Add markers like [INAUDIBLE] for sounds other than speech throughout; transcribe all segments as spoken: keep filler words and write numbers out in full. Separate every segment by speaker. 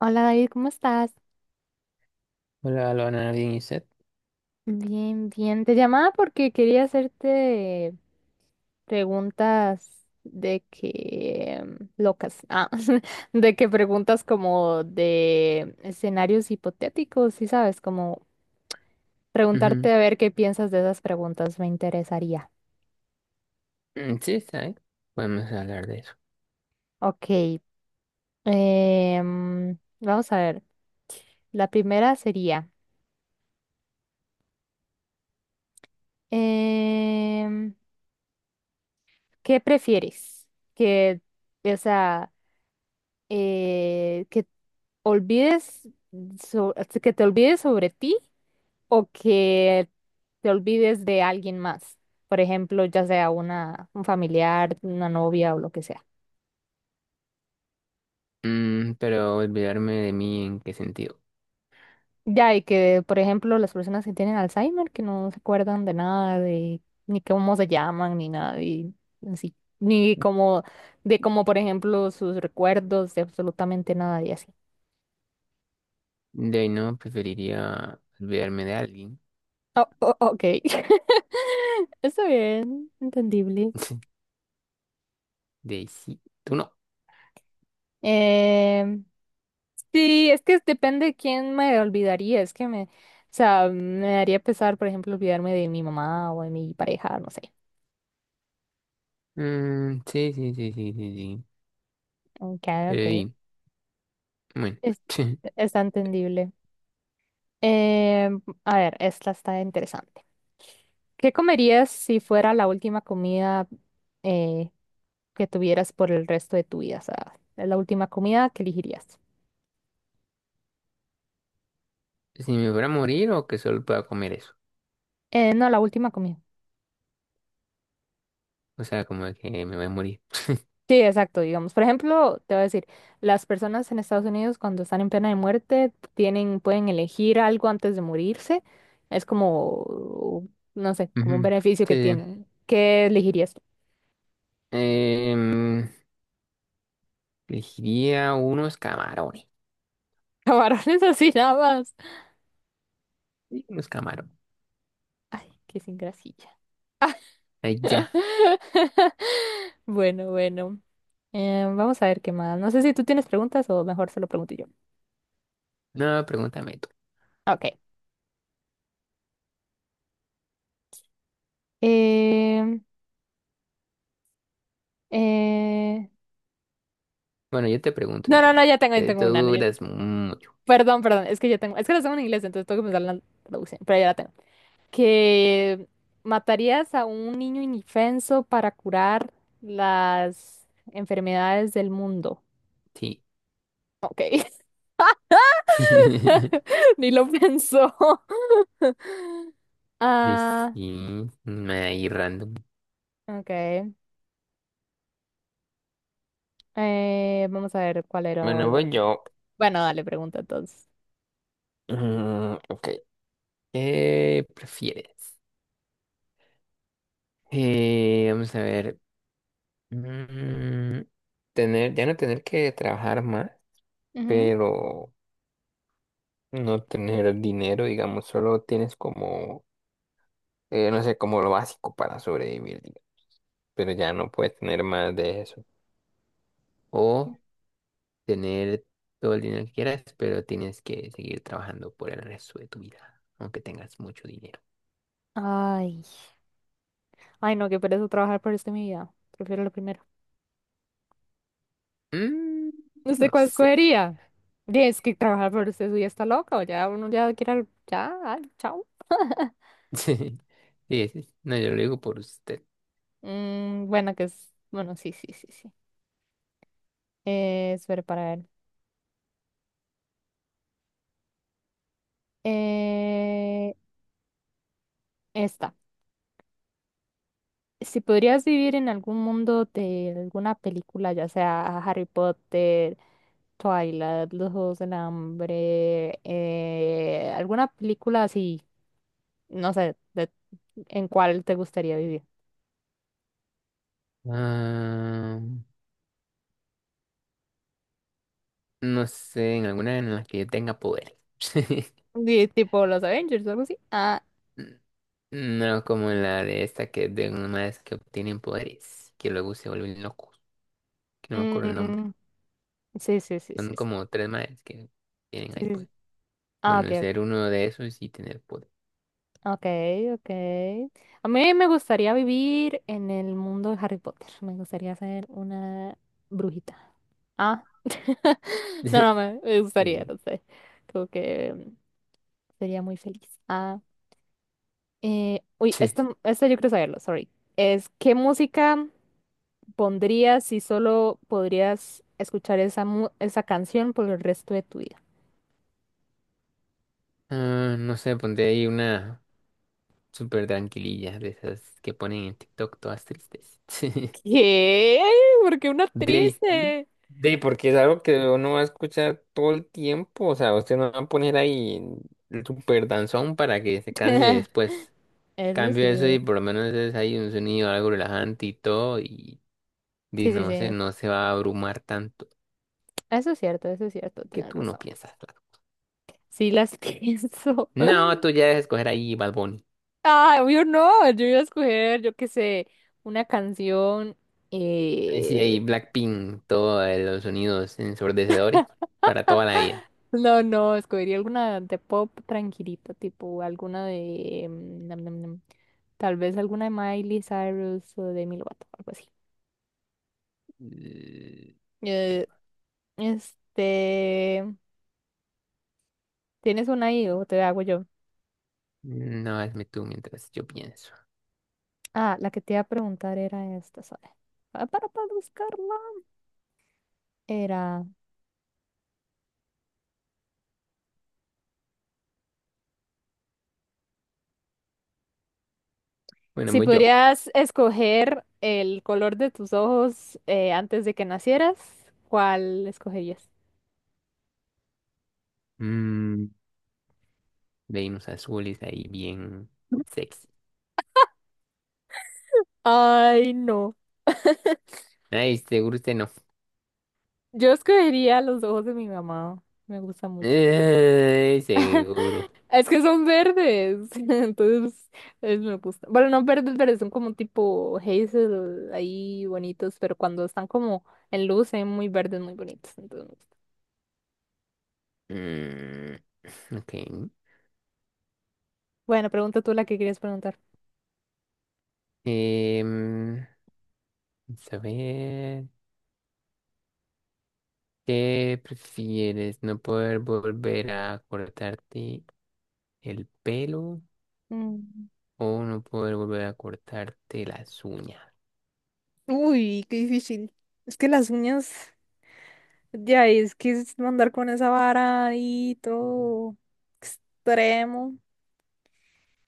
Speaker 1: Hola David, ¿cómo estás?
Speaker 2: Hola, lo Nadine y Seth.
Speaker 1: Bien, bien. Te llamaba porque quería hacerte preguntas de que mm, locas, ah, [LAUGHS] de que preguntas como de escenarios hipotéticos, sí sabes, como
Speaker 2: Ujú.
Speaker 1: preguntarte a ver qué piensas de esas preguntas, me interesaría.
Speaker 2: Mm, Sí, está bien. Podemos hablar de eso.
Speaker 1: Ok, em, vamos a ver. La primera sería, em, ¿qué prefieres? Que, o sea, eh, que olvides so- que te olvides sobre ti o que te olvides de alguien más. Por ejemplo, ya sea una, un familiar, una novia o lo que sea.
Speaker 2: Mm, pero olvidarme de mí, ¿en qué sentido?
Speaker 1: Ya, y que, por ejemplo, las personas que tienen Alzheimer, que no se acuerdan de nada, de ni cómo se llaman, ni nada, y así, ni como, de como, por ejemplo, sus recuerdos, de absolutamente nada y así.
Speaker 2: De ahí no, preferiría olvidarme de alguien.
Speaker 1: Oh, oh, ok. [LAUGHS] Está bien, entendible.
Speaker 2: [LAUGHS] De ahí sí, tú no.
Speaker 1: Eh, sí, es que depende de quién me olvidaría, es que me, o sea, me daría pesar, por ejemplo, olvidarme de mi mamá o de mi pareja, no sé.
Speaker 2: Mm, sí, sí, sí, sí, sí, sí.
Speaker 1: Ok,
Speaker 2: Pero
Speaker 1: ok.
Speaker 2: y, bueno,
Speaker 1: Es,
Speaker 2: [LAUGHS]
Speaker 1: está entendible. Eh, a ver, esta está interesante. ¿Qué comerías si fuera la última comida eh, que tuvieras por el resto de tu vida? O sea, la última comida que elegirías.
Speaker 2: si me fuera a morir o que solo pueda comer eso.
Speaker 1: Eh, no, la última comida.
Speaker 2: O sea, como de que me voy a morir.
Speaker 1: Sí, exacto, digamos. Por ejemplo, te voy a decir, las personas en Estados Unidos cuando están en pena de muerte tienen, pueden elegir algo antes de morirse. Es como, no sé, como un
Speaker 2: Ujú.
Speaker 1: beneficio
Speaker 2: Sí,
Speaker 1: que
Speaker 2: sí.
Speaker 1: tienen. ¿Qué elegirías?
Speaker 2: Em, elegiría unos camarones.
Speaker 1: [LAUGHS] Camarones así nada más.
Speaker 2: Sí, unos camarones.
Speaker 1: Ay, qué sin grasilla.
Speaker 2: Ahí ya.
Speaker 1: Bueno, bueno. Eh, vamos a ver qué más. No sé si tú tienes preguntas o mejor se lo pregunto yo.
Speaker 2: No, pregúntame tú.
Speaker 1: Ok. Eh, eh...
Speaker 2: Bueno, yo te pregunto
Speaker 1: No, no,
Speaker 2: también.
Speaker 1: no, ya tengo, ya
Speaker 2: Que
Speaker 1: tengo
Speaker 2: tú
Speaker 1: una. No, ya-
Speaker 2: duras mucho.
Speaker 1: Perdón, perdón. Es que ya tengo, es que las tengo en inglés, entonces tengo que pensar en la traducción, pero ya la tengo. Que matarías a un niño indefenso para curar las enfermedades del mundo.
Speaker 2: Sí.
Speaker 1: Ok,
Speaker 2: [LAUGHS]
Speaker 1: [LAUGHS] ni lo pensó. [LAUGHS]
Speaker 2: De
Speaker 1: Ah,
Speaker 2: sí. Ahí random.
Speaker 1: ok. Eh, vamos a ver cuál era
Speaker 2: Bueno,
Speaker 1: lo
Speaker 2: voy
Speaker 1: otro.
Speaker 2: yo.
Speaker 1: Bueno, dale, pregunta entonces.
Speaker 2: Mm, ok. ¿Qué prefieres? Eh, vamos a ver. Mm, tener, ya no tener que trabajar más,
Speaker 1: Ujú.
Speaker 2: pero no tener dinero, digamos, solo tienes como, eh, no sé, como lo básico para sobrevivir, digamos, pero ya no puedes tener más de eso. O tener todo el dinero que quieras, pero tienes que seguir trabajando por el resto de tu vida, aunque tengas mucho dinero.
Speaker 1: Ay, ay, no, qué pereza trabajar por esto en mi vida. Prefiero lo primero.
Speaker 2: Mm,
Speaker 1: No sé
Speaker 2: no
Speaker 1: cuál
Speaker 2: sé.
Speaker 1: escogería. Y es que trabajar por usted ya está loco, ya uno ya quiere, ya, ay, chao.
Speaker 2: [LAUGHS] Sí, sí, sí. No, yo lo digo por usted.
Speaker 1: Mm, bueno, que es. Bueno, sí, sí, sí, sí. Eh, espera para ver. Eh, esta. Si podrías vivir en algún mundo de alguna película, ya sea Harry Potter, Twilight, Los Juegos del Hambre, eh, alguna película así, no sé, de- en cuál te gustaría vivir.
Speaker 2: Ah, no sé, en alguna en la que yo tenga poder. [LAUGHS]
Speaker 1: Di- tipo los Avengers o algo así. Ah,
Speaker 2: N- No como en la de esta que es de unos madres que obtienen poderes, que luego se vuelven locos, que no me acuerdo el nombre.
Speaker 1: mm, sí, sí, sí, sí,
Speaker 2: Son
Speaker 1: sí.
Speaker 2: como tres madres que tienen ahí
Speaker 1: Sí, sí, sí.
Speaker 2: poder.
Speaker 1: Ah, ok,
Speaker 2: Bueno,
Speaker 1: ok.
Speaker 2: ser uno de esos y tener poder.
Speaker 1: Okay, okay. A mí me gustaría vivir en el mundo de Harry Potter. Me gustaría ser una brujita. Ah, [LAUGHS] no, no,
Speaker 2: [LAUGHS]
Speaker 1: me me gustaría,
Speaker 2: Sí.
Speaker 1: no sé. Como que mm, sería muy feliz. Ah, eh, uy,
Speaker 2: [LAUGHS]
Speaker 1: esto, esto yo quiero saberlo, sorry. Es, ¿qué música pondrías si solo podrías escuchar esa, mu- esa canción por el resto de tu vida?
Speaker 2: Ah, no sé, ponte ahí una súper tranquililla de esas que ponen en TikTok todas tristes. [LAUGHS]
Speaker 1: ¿Qué? ¿Por qué una
Speaker 2: De, sí,
Speaker 1: triste?
Speaker 2: de, porque es algo que uno va a escuchar todo el tiempo. O sea, usted no va a poner ahí el súper danzón para que se canse
Speaker 1: [LAUGHS]
Speaker 2: después.
Speaker 1: Eso
Speaker 2: Cambio eso
Speaker 1: sí.
Speaker 2: y por lo menos es ahí un sonido algo relajante y todo. Y, y
Speaker 1: Sí, sí,
Speaker 2: no sé,
Speaker 1: sí.
Speaker 2: no se va a abrumar tanto
Speaker 1: Eso es cierto, eso es cierto,
Speaker 2: que
Speaker 1: tienes
Speaker 2: tú no
Speaker 1: razón.
Speaker 2: piensas, claro.
Speaker 1: Sí las [LAUGHS] pienso.
Speaker 2: No, tú ya debes escoger ahí Bad Bunny.
Speaker 1: Ah, obvio no, yo iba a escoger, yo qué sé, una canción.
Speaker 2: Eh, Sí, ahí
Speaker 1: eh,
Speaker 2: Blackpink, todos los sonidos ensordecedores para toda la vida.
Speaker 1: No, no, escogería alguna de pop tranquilita, tipo alguna de... mm, nam, nam, nam, tal vez alguna de Miley Cyrus o de Demi Lovato, algo así.
Speaker 2: L-
Speaker 1: Eh, este... ¿Tienes una ahí o te hago yo?
Speaker 2: No, hazme tú mientras yo pienso.
Speaker 1: Ah, la que te iba a preguntar era esta, ¿sabes? Ah, Para, para buscarla. Era.
Speaker 2: Bueno,
Speaker 1: Si
Speaker 2: voy yo.
Speaker 1: pudieras escoger el color de tus ojos eh, antes de que nacieras, ¿cuál escogerías?
Speaker 2: Mm, Venus azules ahí bien sexy.
Speaker 1: Ay, no.
Speaker 2: Ay, seguro usted no.
Speaker 1: Yo escogería los ojos de mi mamá. Me gusta mucho.
Speaker 2: Ay, seguro.
Speaker 1: Es que son verdes. [LAUGHS] Entonces, es- me gusta. Bueno, no verdes, verdes, son como tipo hazel ahí bonitos, pero cuando están como en luz, son muy verdes, muy bonitos. Entonces, me gusta.
Speaker 2: Mm, ok.
Speaker 1: Bueno, pregunta tú la que querías preguntar.
Speaker 2: Em, vamos a ver. ¿Qué prefieres? ¿No poder volver a cortarte el pelo?
Speaker 1: Mm.
Speaker 2: O no poder volver a cortarte las uñas.
Speaker 1: Uy, qué difícil. Es que las uñas. Ya, y es que es andar con esa vara y todo extremo.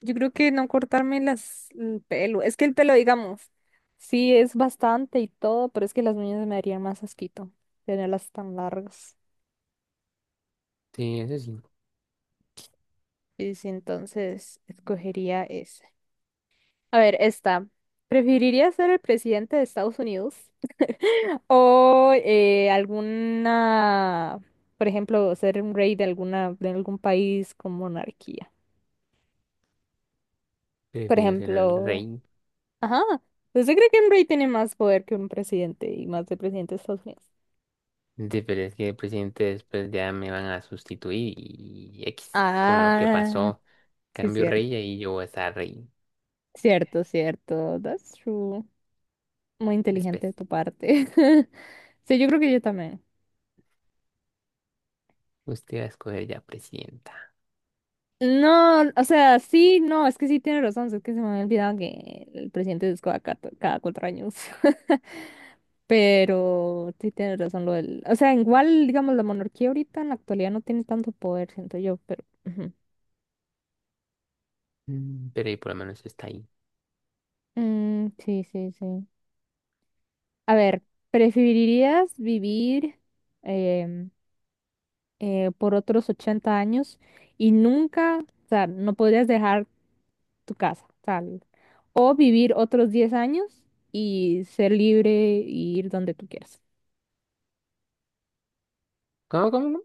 Speaker 1: Yo creo que no cortarme las, el pelo. Es que el pelo, digamos, sí es bastante y todo, pero es que las uñas me darían más asquito tenerlas tan largas.
Speaker 2: Sí, eso sí.
Speaker 1: Y sí, entonces escogería ese. A ver, esta. ¿Preferiría ser el presidente de Estados Unidos [LAUGHS] o eh, alguna, por ejemplo, ser un rey de alguna, de algún país con monarquía? Por
Speaker 2: Prefiero ser el
Speaker 1: ejemplo,
Speaker 2: rey.
Speaker 1: ajá, ¿usted cree que un rey tiene más poder que un presidente y más de presidente de Estados Unidos?
Speaker 2: Sí, pero es que el presidente después ya me van a sustituir y X con lo que
Speaker 1: Ah,
Speaker 2: pasó.
Speaker 1: sí,
Speaker 2: Cambio
Speaker 1: cierto,
Speaker 2: rey y ahí yo voy a estar rey.
Speaker 1: cierto, cierto, that's true. Muy
Speaker 2: Después.
Speaker 1: inteligente de tu parte. [LAUGHS] Sí, yo creo que yo también.
Speaker 2: Usted va a escoger ya presidenta.
Speaker 1: No, o sea, sí, no, es que sí tiene razón, es que se me había olvidado que el presidente es cada, cuatro- cada cuatro años. [LAUGHS] Pero sí tiene razón lo del, o sea, igual, digamos, la monarquía ahorita en la actualidad no tiene tanto poder, siento yo, pero... ujú.
Speaker 2: Mm, pero ahí por lo menos está ahí.
Speaker 1: Mm, sí, sí, sí. A ver, ¿preferirías vivir em, eh, por otros ochenta años y nunca, o sea, no podrías dejar tu casa, tal? O vivir otros diez años y ser libre y ir donde tú quieras.
Speaker 2: ¿Cómo, cómo,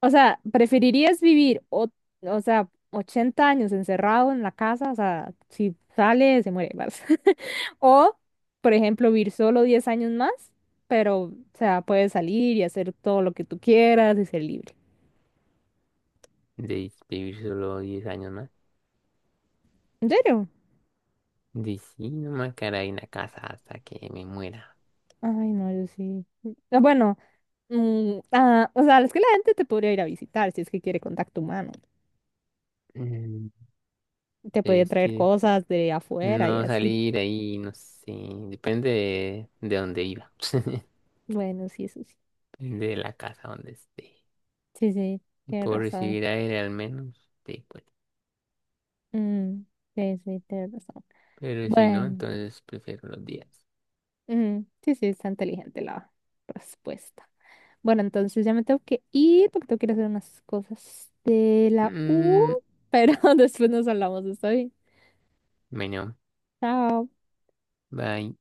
Speaker 1: O sea, ¿preferirías vivir, o, o sea, ochenta años encerrado en la casa? O sea, si sale, se muere, [LAUGHS] ¿vale? O, por ejemplo, vivir solo diez años más, pero, o sea, puedes salir y hacer todo lo que tú quieras y ser libre.
Speaker 2: de vivir solo diez años más.
Speaker 1: ¿En serio?
Speaker 2: De sí, no me quedaré en la casa hasta que me muera.
Speaker 1: Ay, no, yo sí. Ah, bueno, mm, ah, o sea, es que la gente te podría ir a visitar si es que quiere contacto humano.
Speaker 2: Mm,
Speaker 1: Te podría
Speaker 2: Es
Speaker 1: traer
Speaker 2: que
Speaker 1: cosas de afuera y
Speaker 2: no
Speaker 1: así.
Speaker 2: salir ahí, no sé, depende de, de dónde viva, [LAUGHS]
Speaker 1: Bueno, sí, eso sí.
Speaker 2: depende de la casa donde esté.
Speaker 1: Sí, sí,
Speaker 2: Y
Speaker 1: tienes
Speaker 2: puedo
Speaker 1: razón.
Speaker 2: recibir aire al menos, sí, pues.
Speaker 1: Mm, sí, sí, tienes razón.
Speaker 2: Pero si no,
Speaker 1: Bueno,
Speaker 2: entonces prefiero los días.
Speaker 1: mm, sí, sí, está inteligente la respuesta. Bueno, entonces ya me tengo que ir porque tengo que ir a hacer unas cosas de la U,
Speaker 2: Mm,
Speaker 1: pero [LAUGHS] después nos hablamos, ¿está bien?
Speaker 2: bueno,
Speaker 1: Chao.
Speaker 2: bye.